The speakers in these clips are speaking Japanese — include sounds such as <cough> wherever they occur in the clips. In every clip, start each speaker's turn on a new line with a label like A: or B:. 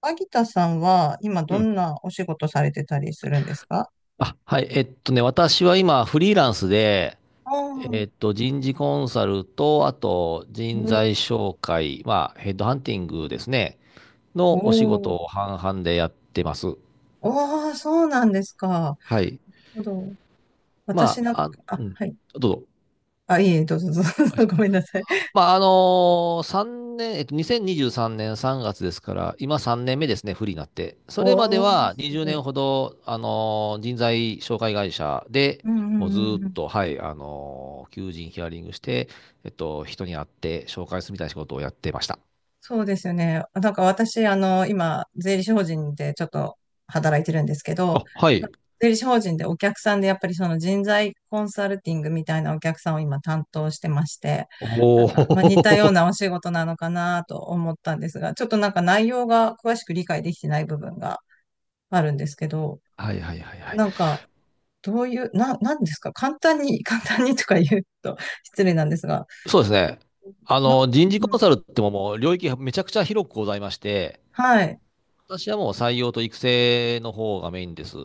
A: 秋田さんは今ど
B: うん。
A: んなお仕事されてたりするんですか？
B: あ、はい。私は今、フリーランスで、
A: ああ
B: 人事コンサルと、あと、
A: ー、
B: 人
A: ね。
B: 材紹介、まあ、ヘッドハンティングですね、
A: お
B: のお仕事
A: ー。
B: を半々でやってます。
A: おー、そうなんですか。なる
B: はい。
A: ほど。
B: ま
A: 私なんか、
B: あ、あ、う
A: あ、
B: ん。
A: はい。
B: どうぞ。
A: あ、いえ、どうぞ、どうぞ。 <laughs> ごめんなさい。
B: まあ、3年、2023年3月ですから、今3年目ですね、不利になって。それまで
A: おー、
B: は
A: す
B: 20
A: ご
B: 年
A: い。
B: ほど、あの人材紹介会社で、
A: うんう
B: もうずーっ
A: んうん。
B: と、はい、あの求人ヒアリングして、人に会って紹介するみたいな仕事をやってました。
A: そうですよね。なんか私、今、税理士法人でちょっと働いてるんですけど、
B: あ、はい。
A: 税理士法人でお客さんでやっぱりその人材コンサルティングみたいなお客さんを今担当してまして、な
B: お
A: んか、まあ、似た
B: お。
A: ようなお仕事なのかなと思ったんですが、ちょっとなんか内容が詳しく理解できてない部分があるんですけど、
B: <laughs> はいはいはいはい。
A: なんか、どういう、なんですか簡単に、<laughs> 簡単にとか言うと <laughs> 失礼なんですが、
B: そうですね。
A: な、
B: 人事
A: う
B: コ
A: ん、
B: ンサルってももう領域がめちゃくちゃ広くございまして、
A: はい。
B: 私はもう採用と育成の方がメインです。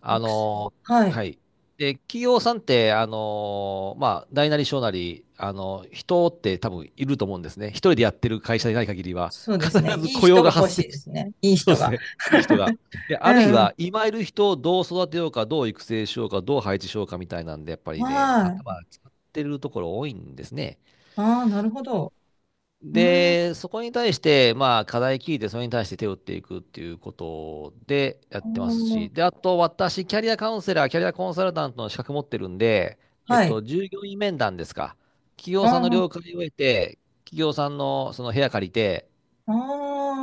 B: あ
A: 育成。
B: の、
A: はい。
B: はい。で、企業さんって、まあ、大なり小なり、人って多分いると思うんですね。一人でやってる会社でない限りは、
A: そうですね。
B: 必ず
A: いい
B: 雇用
A: 人
B: が
A: が欲
B: 発生
A: しいで
B: して、
A: すね。いい
B: <laughs> そうで
A: 人
B: す
A: が。
B: ね。いい人が。で、
A: う
B: あるい
A: んうん。
B: は、今いる人をどう育てようか、どう育成しようか、どう配置しようかみたいなんで、やっぱりね、
A: は
B: 頭
A: い。
B: 使ってるところ多いんですね。
A: ああ、なるほど。うーん。
B: で、そこに対して、まあ、課題聞いて、それに対して手を打っていくっていうことでやっ
A: あ
B: てます
A: あ、
B: し、で、あと、私、キャリアカウンセラー、キャリアコンサルタントの資格持ってるんで、
A: はい。
B: 従業員面談ですか。企
A: あ
B: 業さんの
A: あ、
B: 了解を得て、企業さんのその部屋借りて、
A: あ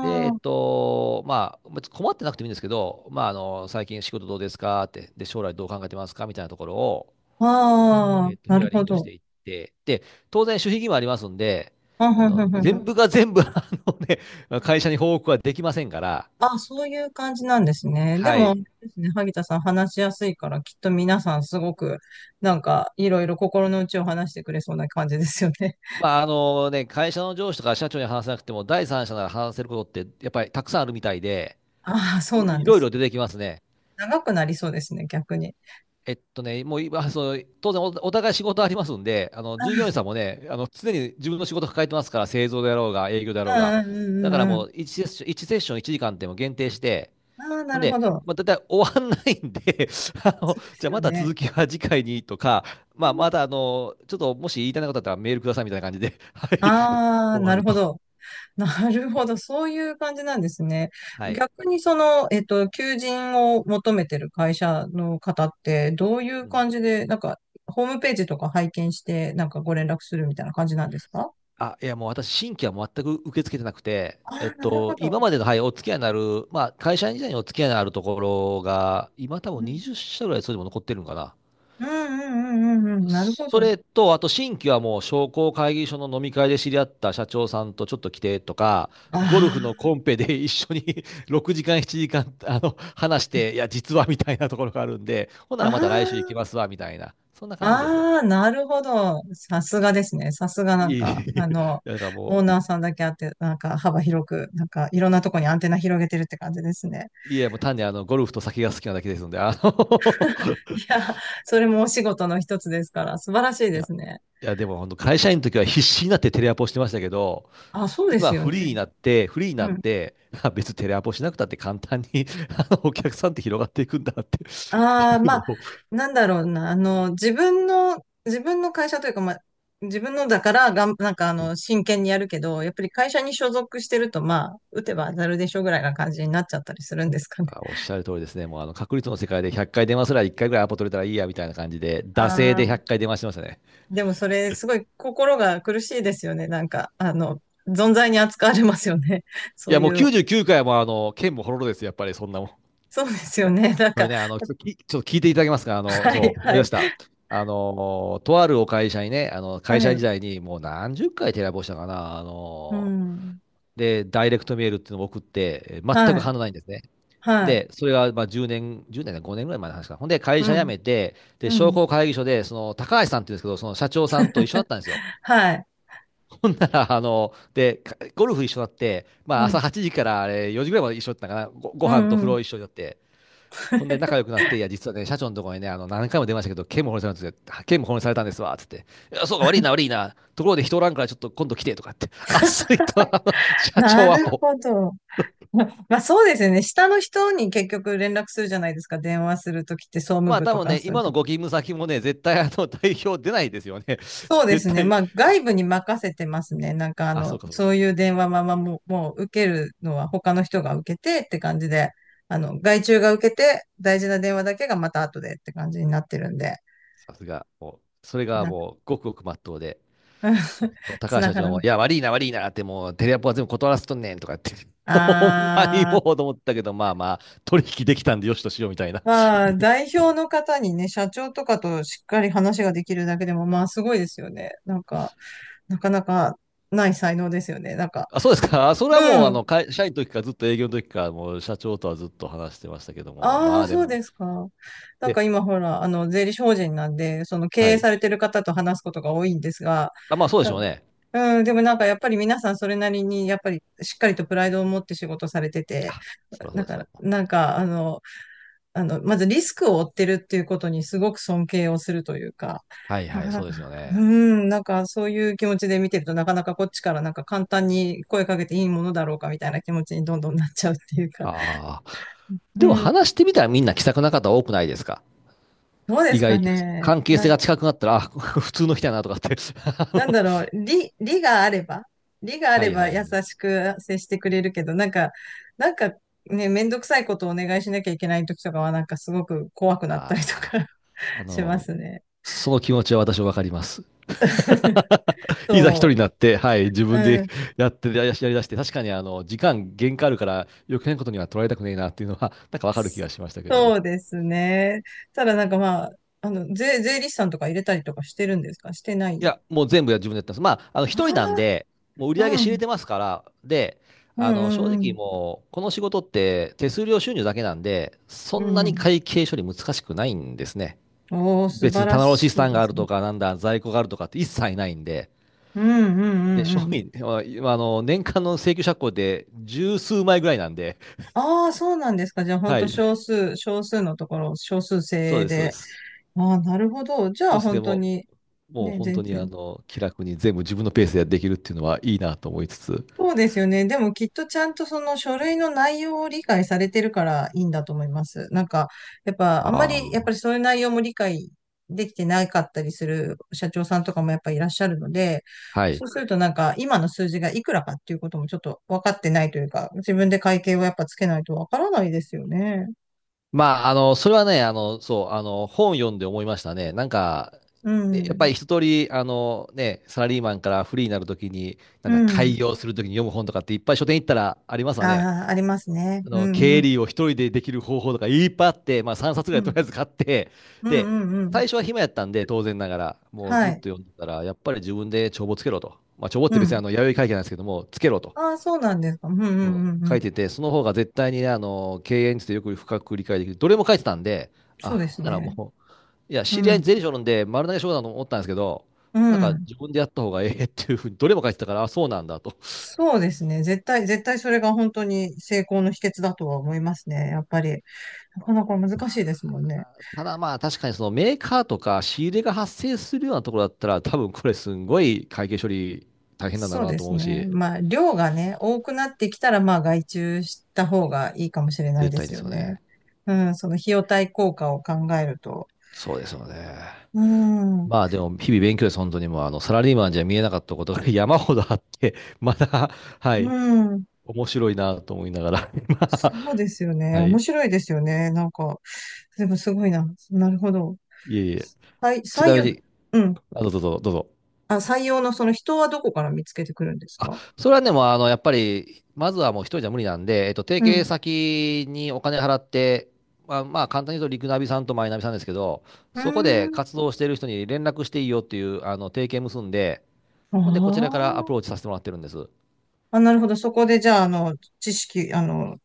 B: で、
A: あ、
B: まあ、別に困ってなくてもいいんですけど、まあ、最近仕事どうですかって、で、将来どう考えてますかみたいなところを、
A: あー、な
B: ヒ
A: る
B: アリ
A: ほ
B: ングし
A: ど。
B: ていって、で、当然、守秘義務ありますんで、
A: あ、ふんふんふんふん。
B: 全部が全部、ね、会社に報告はできませんから、
A: あ、そういう感じなんですね。で
B: は
A: も、
B: い。
A: ですね、萩田さん話しやすいから、きっと皆さんすごく、なんか、いろいろ心の内を話してくれそうな感じですよね。<laughs>
B: まあ、あのね、会社の上司とか社長に話せなくても、第三者なら話せることって、やっぱりたくさんあるみたいで、
A: ああ、そうな
B: い
A: ん
B: い
A: で
B: ろい
A: す。
B: ろ出てきますね。
A: 長くなりそうですね、逆に。
B: もう今、そう、当然お、お互い仕事ありますんで、従業員さんもね、常に自分の仕事抱えてますから、製造であろうが、営業であろう
A: う
B: が。
A: ん
B: だ
A: うんうん
B: か
A: う
B: ら
A: んうん。
B: もう1セッション、1セッション1時間っても限定して、
A: ああ、
B: ほ
A: な
B: ん
A: るほ
B: で、
A: ど。
B: まあ、だいたい終わんないんで <laughs>
A: そうで
B: じゃ
A: す
B: あま
A: よ
B: た
A: ね。
B: 続きは次回にとか、まあ、またちょっともし言いたいなことあったらメールくださいみたいな感じで、<laughs> はい、
A: ああ、
B: 終わ
A: な
B: る
A: るほ
B: と。
A: ど。<laughs> なるほど。そういう感じなんですね。
B: はい。
A: 逆にその、求人を求めてる会社の方って、どういう
B: うん
A: 感じで、なんか、ホームページとか拝見して、なんかご連絡するみたいな感じなんですか？
B: あ、いや、もう私、新規は全く受け付けてなくて、
A: ああー、なるほど。
B: 今までの、はい、お付き合いのある、まあ、会社員時代にお付き合いのあるところが、今多
A: う
B: 分
A: ん、
B: 20社ぐらいそれでも残ってるんかな。
A: うんうんうんうんうん、なるほ
B: そ
A: ど。
B: れと、あと新規はもう商工会議所の飲み会で知り合った社長さんとちょっと来てとか、ゴルフ
A: あ
B: のコンペで一緒に <laughs> 6時間、7時間、話して、いや、実はみたいなところがあるんで、ほんな
A: あ、
B: らまた来週行きま
A: あ
B: すわ、みたいな。そんな
A: あ、
B: 感じですわ。
A: ああ、なるほど。さすがですね。さすがなん
B: いい。
A: か、
B: <laughs> だから
A: オ
B: も
A: ーナーさんだけあって、なんか幅広く、なんかいろんなとこにアンテナ広げてるって感じですね。
B: う、いや、もう単にゴルフと酒が好きなだけですので、あの
A: い
B: <laughs>
A: や、それもお仕事の一つですから、素晴らしい
B: い
A: で
B: や、
A: すね。
B: いや、でも本当会社員の時は必死になってテレアポしてましたけど、
A: あ、そうです
B: 今
A: よ
B: フリーに
A: ね。
B: なって、フリーにな
A: う
B: っ
A: ん。
B: て、あ別にテレアポしなくたって簡単に <laughs> あのお客さんって広がっていくんだって
A: ああ、
B: <laughs> い
A: まあ、
B: うのを
A: なんだろうな、自分の会社というか、まあ、自分のだからなんか真剣にやるけど、やっぱり会社に所属してると、まあ、打てば当たるでしょぐらいな感じになっちゃったりするんですかね。
B: あおっしゃる通りですね。もうあの確率の世界で100回電話すら1回ぐらいアポ取れたらいいやみたいな感じで、惰性
A: あ
B: で100
A: あ、
B: 回電話してましたね。
A: でもそれ、すごい心が苦しいですよね。なんか、存在に扱われますよね。
B: い
A: そう
B: やもう
A: いう、
B: 99回も剣もほろろですよ、やっぱりそんなもん。い
A: そうですよ
B: や、
A: ね。なん
B: こ
A: か、
B: れね、ちょっと聞いていただけますか。
A: はい、
B: そう、思
A: は
B: い出
A: い、
B: した。とあるお会社にね、
A: は
B: 会社時
A: い。
B: 代にもう何十回テレアポしたかな、
A: うん。
B: で、ダイレクトメールっていうのを送って、全
A: は
B: く
A: い、
B: 反応ないんですね。
A: はい、
B: で、それがまあ10年、10年だ、5年ぐらい前の話かな。ほんで、会
A: う
B: 社辞
A: ん、
B: めて、で、
A: う
B: 商
A: ん、
B: 工会議所で、その、高橋さんっていうんですけど、その社長さんと一緒だったんですよ。
A: はい、
B: ほんなら、ゴルフ一緒になって、ま
A: う
B: あ、
A: ん、
B: 朝8時からあれ4時ぐらいまで一緒だったかな。ご
A: う
B: 飯と
A: ん、う
B: 風
A: ん。
B: 呂一緒だって。ほんで、仲
A: <laughs>
B: 良くなって、いや、実はね、社長のところにね、何回も出ましたけど、剣も保護されたんですよ。県も保護されたんですわ、つって。いや、そうか、悪いな、悪いな。ところで人おらんから、ちょっと今度来て、とかって。あっさりと、社長
A: な
B: は
A: る
B: も
A: ほど。<laughs> まあそうですよね。下の人に結局連絡するじゃないですか。電話するときって総務
B: まあ
A: 部
B: 多
A: と
B: 分
A: か
B: ね、
A: そういう
B: 今
A: と
B: の
A: こ。
B: ご勤務先もね、絶対あの <laughs> 代表出ないですよね。
A: そう
B: <laughs>
A: で
B: 絶
A: すね。
B: 対。
A: まあ外部に任せてますね。なんか
B: あ、そうかそう
A: そ
B: か。
A: ういう電話ままもう受けるのは他の人が受けてって感じで、外注が受けて大事な電話だけがまた後でって感じになってるんで、
B: さすが。もう、それが
A: なんか
B: もう、ごくごくまっとうで。
A: <laughs>
B: 高
A: つ
B: 橋
A: な
B: 社
A: が
B: 長
A: らな
B: も、
A: い。
B: いや、悪いな、悪いなって、もう、テレアポは全部断らせとんねんとかって。<laughs> ほんまに
A: あ
B: も
A: ー。
B: うと思ったけど、まあまあ、取引できたんでよしとしようみたいな。
A: まあ、代表の方にね、社長とかとしっかり話ができるだけでも、まあ、すごいですよね。なんか、なかなかない才能ですよね。なんか、
B: あ、そうですか。それはも
A: う
B: う、
A: ん。
B: 会社員の時からずっと営業の時から、もう社長とはずっと話してましたけども、
A: あ
B: ま
A: あ、
B: あで
A: そう
B: も、
A: ですか。なん
B: で、
A: か今ほら、税理士法人なんで、その経
B: は
A: 営
B: い。
A: されてる方と話すことが多いんですが、
B: あ、まあそうでし
A: な
B: ょうね。
A: うん、でもなんかやっぱり皆さんそれなりに、やっぱりしっかりとプライドを持って仕事されてて、
B: あ、そりゃそ
A: だ
B: うです
A: から、
B: よ。
A: なんか、まずリスクを負ってるっていうことにすごく尊敬をするというか、
B: はい
A: な
B: は
A: か
B: い、そ
A: な
B: うで
A: か、
B: すよ
A: う
B: ね。
A: ーなんかそういう気持ちで見てると、なかなかこっちからなんか簡単に声かけていいものだろうかみたいな気持ちにどんどんなっちゃうっていうか、
B: ああ。で
A: う
B: も
A: ん、
B: 話してみたらみんな気さくな方多くないですか。
A: どうで
B: 意
A: すか
B: 外と
A: ね。
B: 関係性が近くなったら、あ、<laughs> 普通の人やなとかって。<laughs> あの
A: なんだろう、理があれば、理があ
B: は
A: れ
B: いは
A: ば
B: いは
A: 優
B: い。
A: しく接してくれるけど、なんか、なんかね、めんどくさいことをお願いしなきゃいけない時とかは、なんかすごく怖くなったり
B: あ
A: と
B: あ、
A: か <laughs>
B: あ
A: しま
B: の、
A: すね。
B: その気持ちは私はわかります。
A: <laughs>
B: いざ一人
A: そ
B: になって、はい、自
A: う。
B: 分
A: う
B: で
A: ん。
B: やってやりだして、確かに時間限界あるから余計なことには取られたくねえなっていうのは、なんかわかる気
A: <laughs>
B: がしましたけども。
A: そうですね。ただなんかまあ、税理士さんとか入れたりとかしてるんですかしてな
B: い
A: い。
B: や、もう全部自分でやってます。まあ、一人なん
A: あ
B: で、もう売り
A: あ
B: 上げ
A: ー、う
B: 知れ
A: ん、
B: てますから、で、
A: うん、
B: 正
A: うん、う
B: 直
A: ん。
B: もう、この仕事って手数料収入だけなんで、そ
A: う
B: んなに
A: ん。
B: 会計処理難しくないんですね。
A: おー、素
B: 別
A: 晴
B: に
A: ら
B: 棚卸資
A: しい
B: 産
A: で
B: があ
A: す
B: る
A: ね。
B: とか、なんだ、在庫があるとかって一切ないんで、
A: うん、う
B: で、
A: ん、うん、
B: 商
A: うん。
B: 品、まあ今あの、年間の請求借口で十数枚ぐらいなんで、
A: ああ、そうなんですか。じゃあ本
B: は
A: 当
B: い、
A: 少数、少数のところ、少数
B: そ
A: 精
B: う
A: 鋭
B: です、そう
A: で。
B: です。
A: ああ、なるほど。じゃ
B: どう
A: あ
B: して
A: 本当
B: も、
A: に、
B: もう
A: ね、
B: 本当
A: 全
B: に
A: 然。
B: 気楽に全部自分のペースでできるっていうのはいいなと思いつつ、
A: そうですよね。でもきっとちゃんとその書類の内容を理解されてるからいいんだと思います。なんか、やっぱあんま
B: あ
A: り、やっ
B: あ、
A: ぱりそういう内容も理解できてなかったりする社長さんとかもやっぱいらっしゃるので、
B: は
A: そ
B: い。
A: うするとなんか今の数字がいくらかっていうこともちょっと分かってないというか、自分で会計をやっぱつけないと分からないですよね。
B: まあ、それはね、本読んで思いましたね。なんか、
A: う
B: ねやっぱ
A: ん。
B: り一通り、ね、サラリーマンからフリーになるときに、な
A: う
B: んだ、開
A: ん。
B: 業するときに読む本とかっていっぱい書店行ったらありますわね。
A: ああ、ありますね。うんう
B: 経
A: ん。
B: 理を一人でできる方法とかいっぱいあって、まあ3冊ぐら
A: う
B: いとり
A: ん。
B: あえず買って、
A: うん
B: で、
A: うんうん。
B: 最初は暇やったんで、当然ながら、もう
A: は
B: ずっ
A: い。
B: と読んでたら、やっぱり自分で帳簿つけろと。まあ、帳簿っ
A: う
B: て別に
A: ん。
B: 弥生会計なんですけども、つけろと。
A: ああ、そうなんですか。うんうん
B: そ
A: うんう
B: う書
A: ん。
B: いてて、その方が絶対にね、経営についてよく深く理解できる。どれも書いてたんで、あ、
A: そうで
B: ほ
A: す
B: んなら
A: ね。
B: もう、いや、
A: う
B: 知り合いに
A: ん。
B: 税理士おるんで、丸投げしようかなと思ったんですけど、
A: う
B: なんか
A: ん。
B: 自分でやった方がええっていうふうに、どれも書いてたから、あ、そうなんだと。
A: そうですね。絶対、絶対それが本当に成功の秘訣だとは思いますね。やっぱり、なかなか難しいですもんね。
B: ただまあ、確かにそのメーカーとか仕入れが発生するようなところだったら、多分これすんごい会計処理大変なんだ
A: そ
B: ろ
A: う
B: うな
A: で
B: と
A: す
B: 思う
A: ね。
B: し、
A: まあ、量がね、多くなってきたら、まあ、外注した方がいいかもしれない
B: 絶
A: で
B: 対に
A: す
B: です
A: よ
B: よ
A: ね。
B: ね。
A: うん、その費用対効果を考えると。
B: そうですよね。
A: うん、う
B: まあでも、日々勉強です、本当にもう、サラリーマンじゃ見えなかったことが <laughs> 山ほどあって、まだ、はい、
A: ん。
B: 面白いなと思いながら、<laughs> 今
A: そうですよね。
B: は
A: 面
B: い。
A: 白いですよね。なんか、でもすごいな。なるほど。
B: いえいえ。
A: はい、
B: ち
A: 採
B: なみ
A: 用、
B: に、
A: うん。
B: あ、どうぞ。
A: あ、採用のその人はどこから見つけてくるんです
B: あ、
A: か？
B: それはね、もうあの、やっぱり、まずはもう一人じゃ無理なんで、提
A: うん。
B: 携先にお金払って、まあ、簡単に言うと、リクナビさんとマイナビさんですけど、
A: う
B: そこ
A: ー
B: で
A: ん。
B: 活動している人に連絡していいよっていう、提携結んで、ほんで、こちらからア
A: あ
B: プ
A: あ、
B: ローチさせてもらってるんです。
A: あ、なるほど。そこで、じゃあ、知識、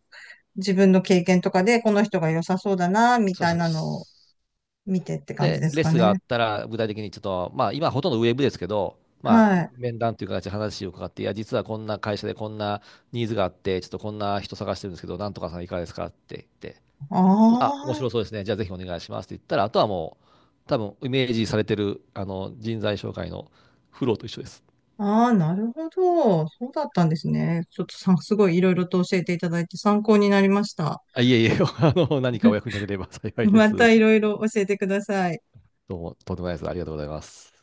A: 自分の経験とかで、この人が良さそうだな、み
B: そう
A: た
B: で
A: いなのを
B: す。
A: 見てって感じ
B: で、
A: です
B: レッ
A: か
B: スンがあ
A: ね。
B: ったら、具体的にちょっと、まあ、今ほとんどウェブですけど、まあ、
A: はい。
B: 面談という形で話を伺って、いや、実はこんな会社でこんなニーズがあって、ちょっとこんな人探してるんですけど、なんとかさんいかがですかって言って、
A: あ
B: あ、面
A: あ、
B: 白そうですね。じゃあぜひお願いしますって言ったら、あとはもう、多分イメージされてる、人材紹介のフローと一緒です。
A: ああ、なるほど。そうだったんですね。ちょっとさ、すごいいろいろと教えていただいて参考になりました。
B: あ、いえいえ、<laughs> 何かお役に立てれば
A: <laughs>
B: 幸いで
A: ま
B: す。
A: たいろいろ教えてください。
B: どうも、とんでもないです。ありがとうございます。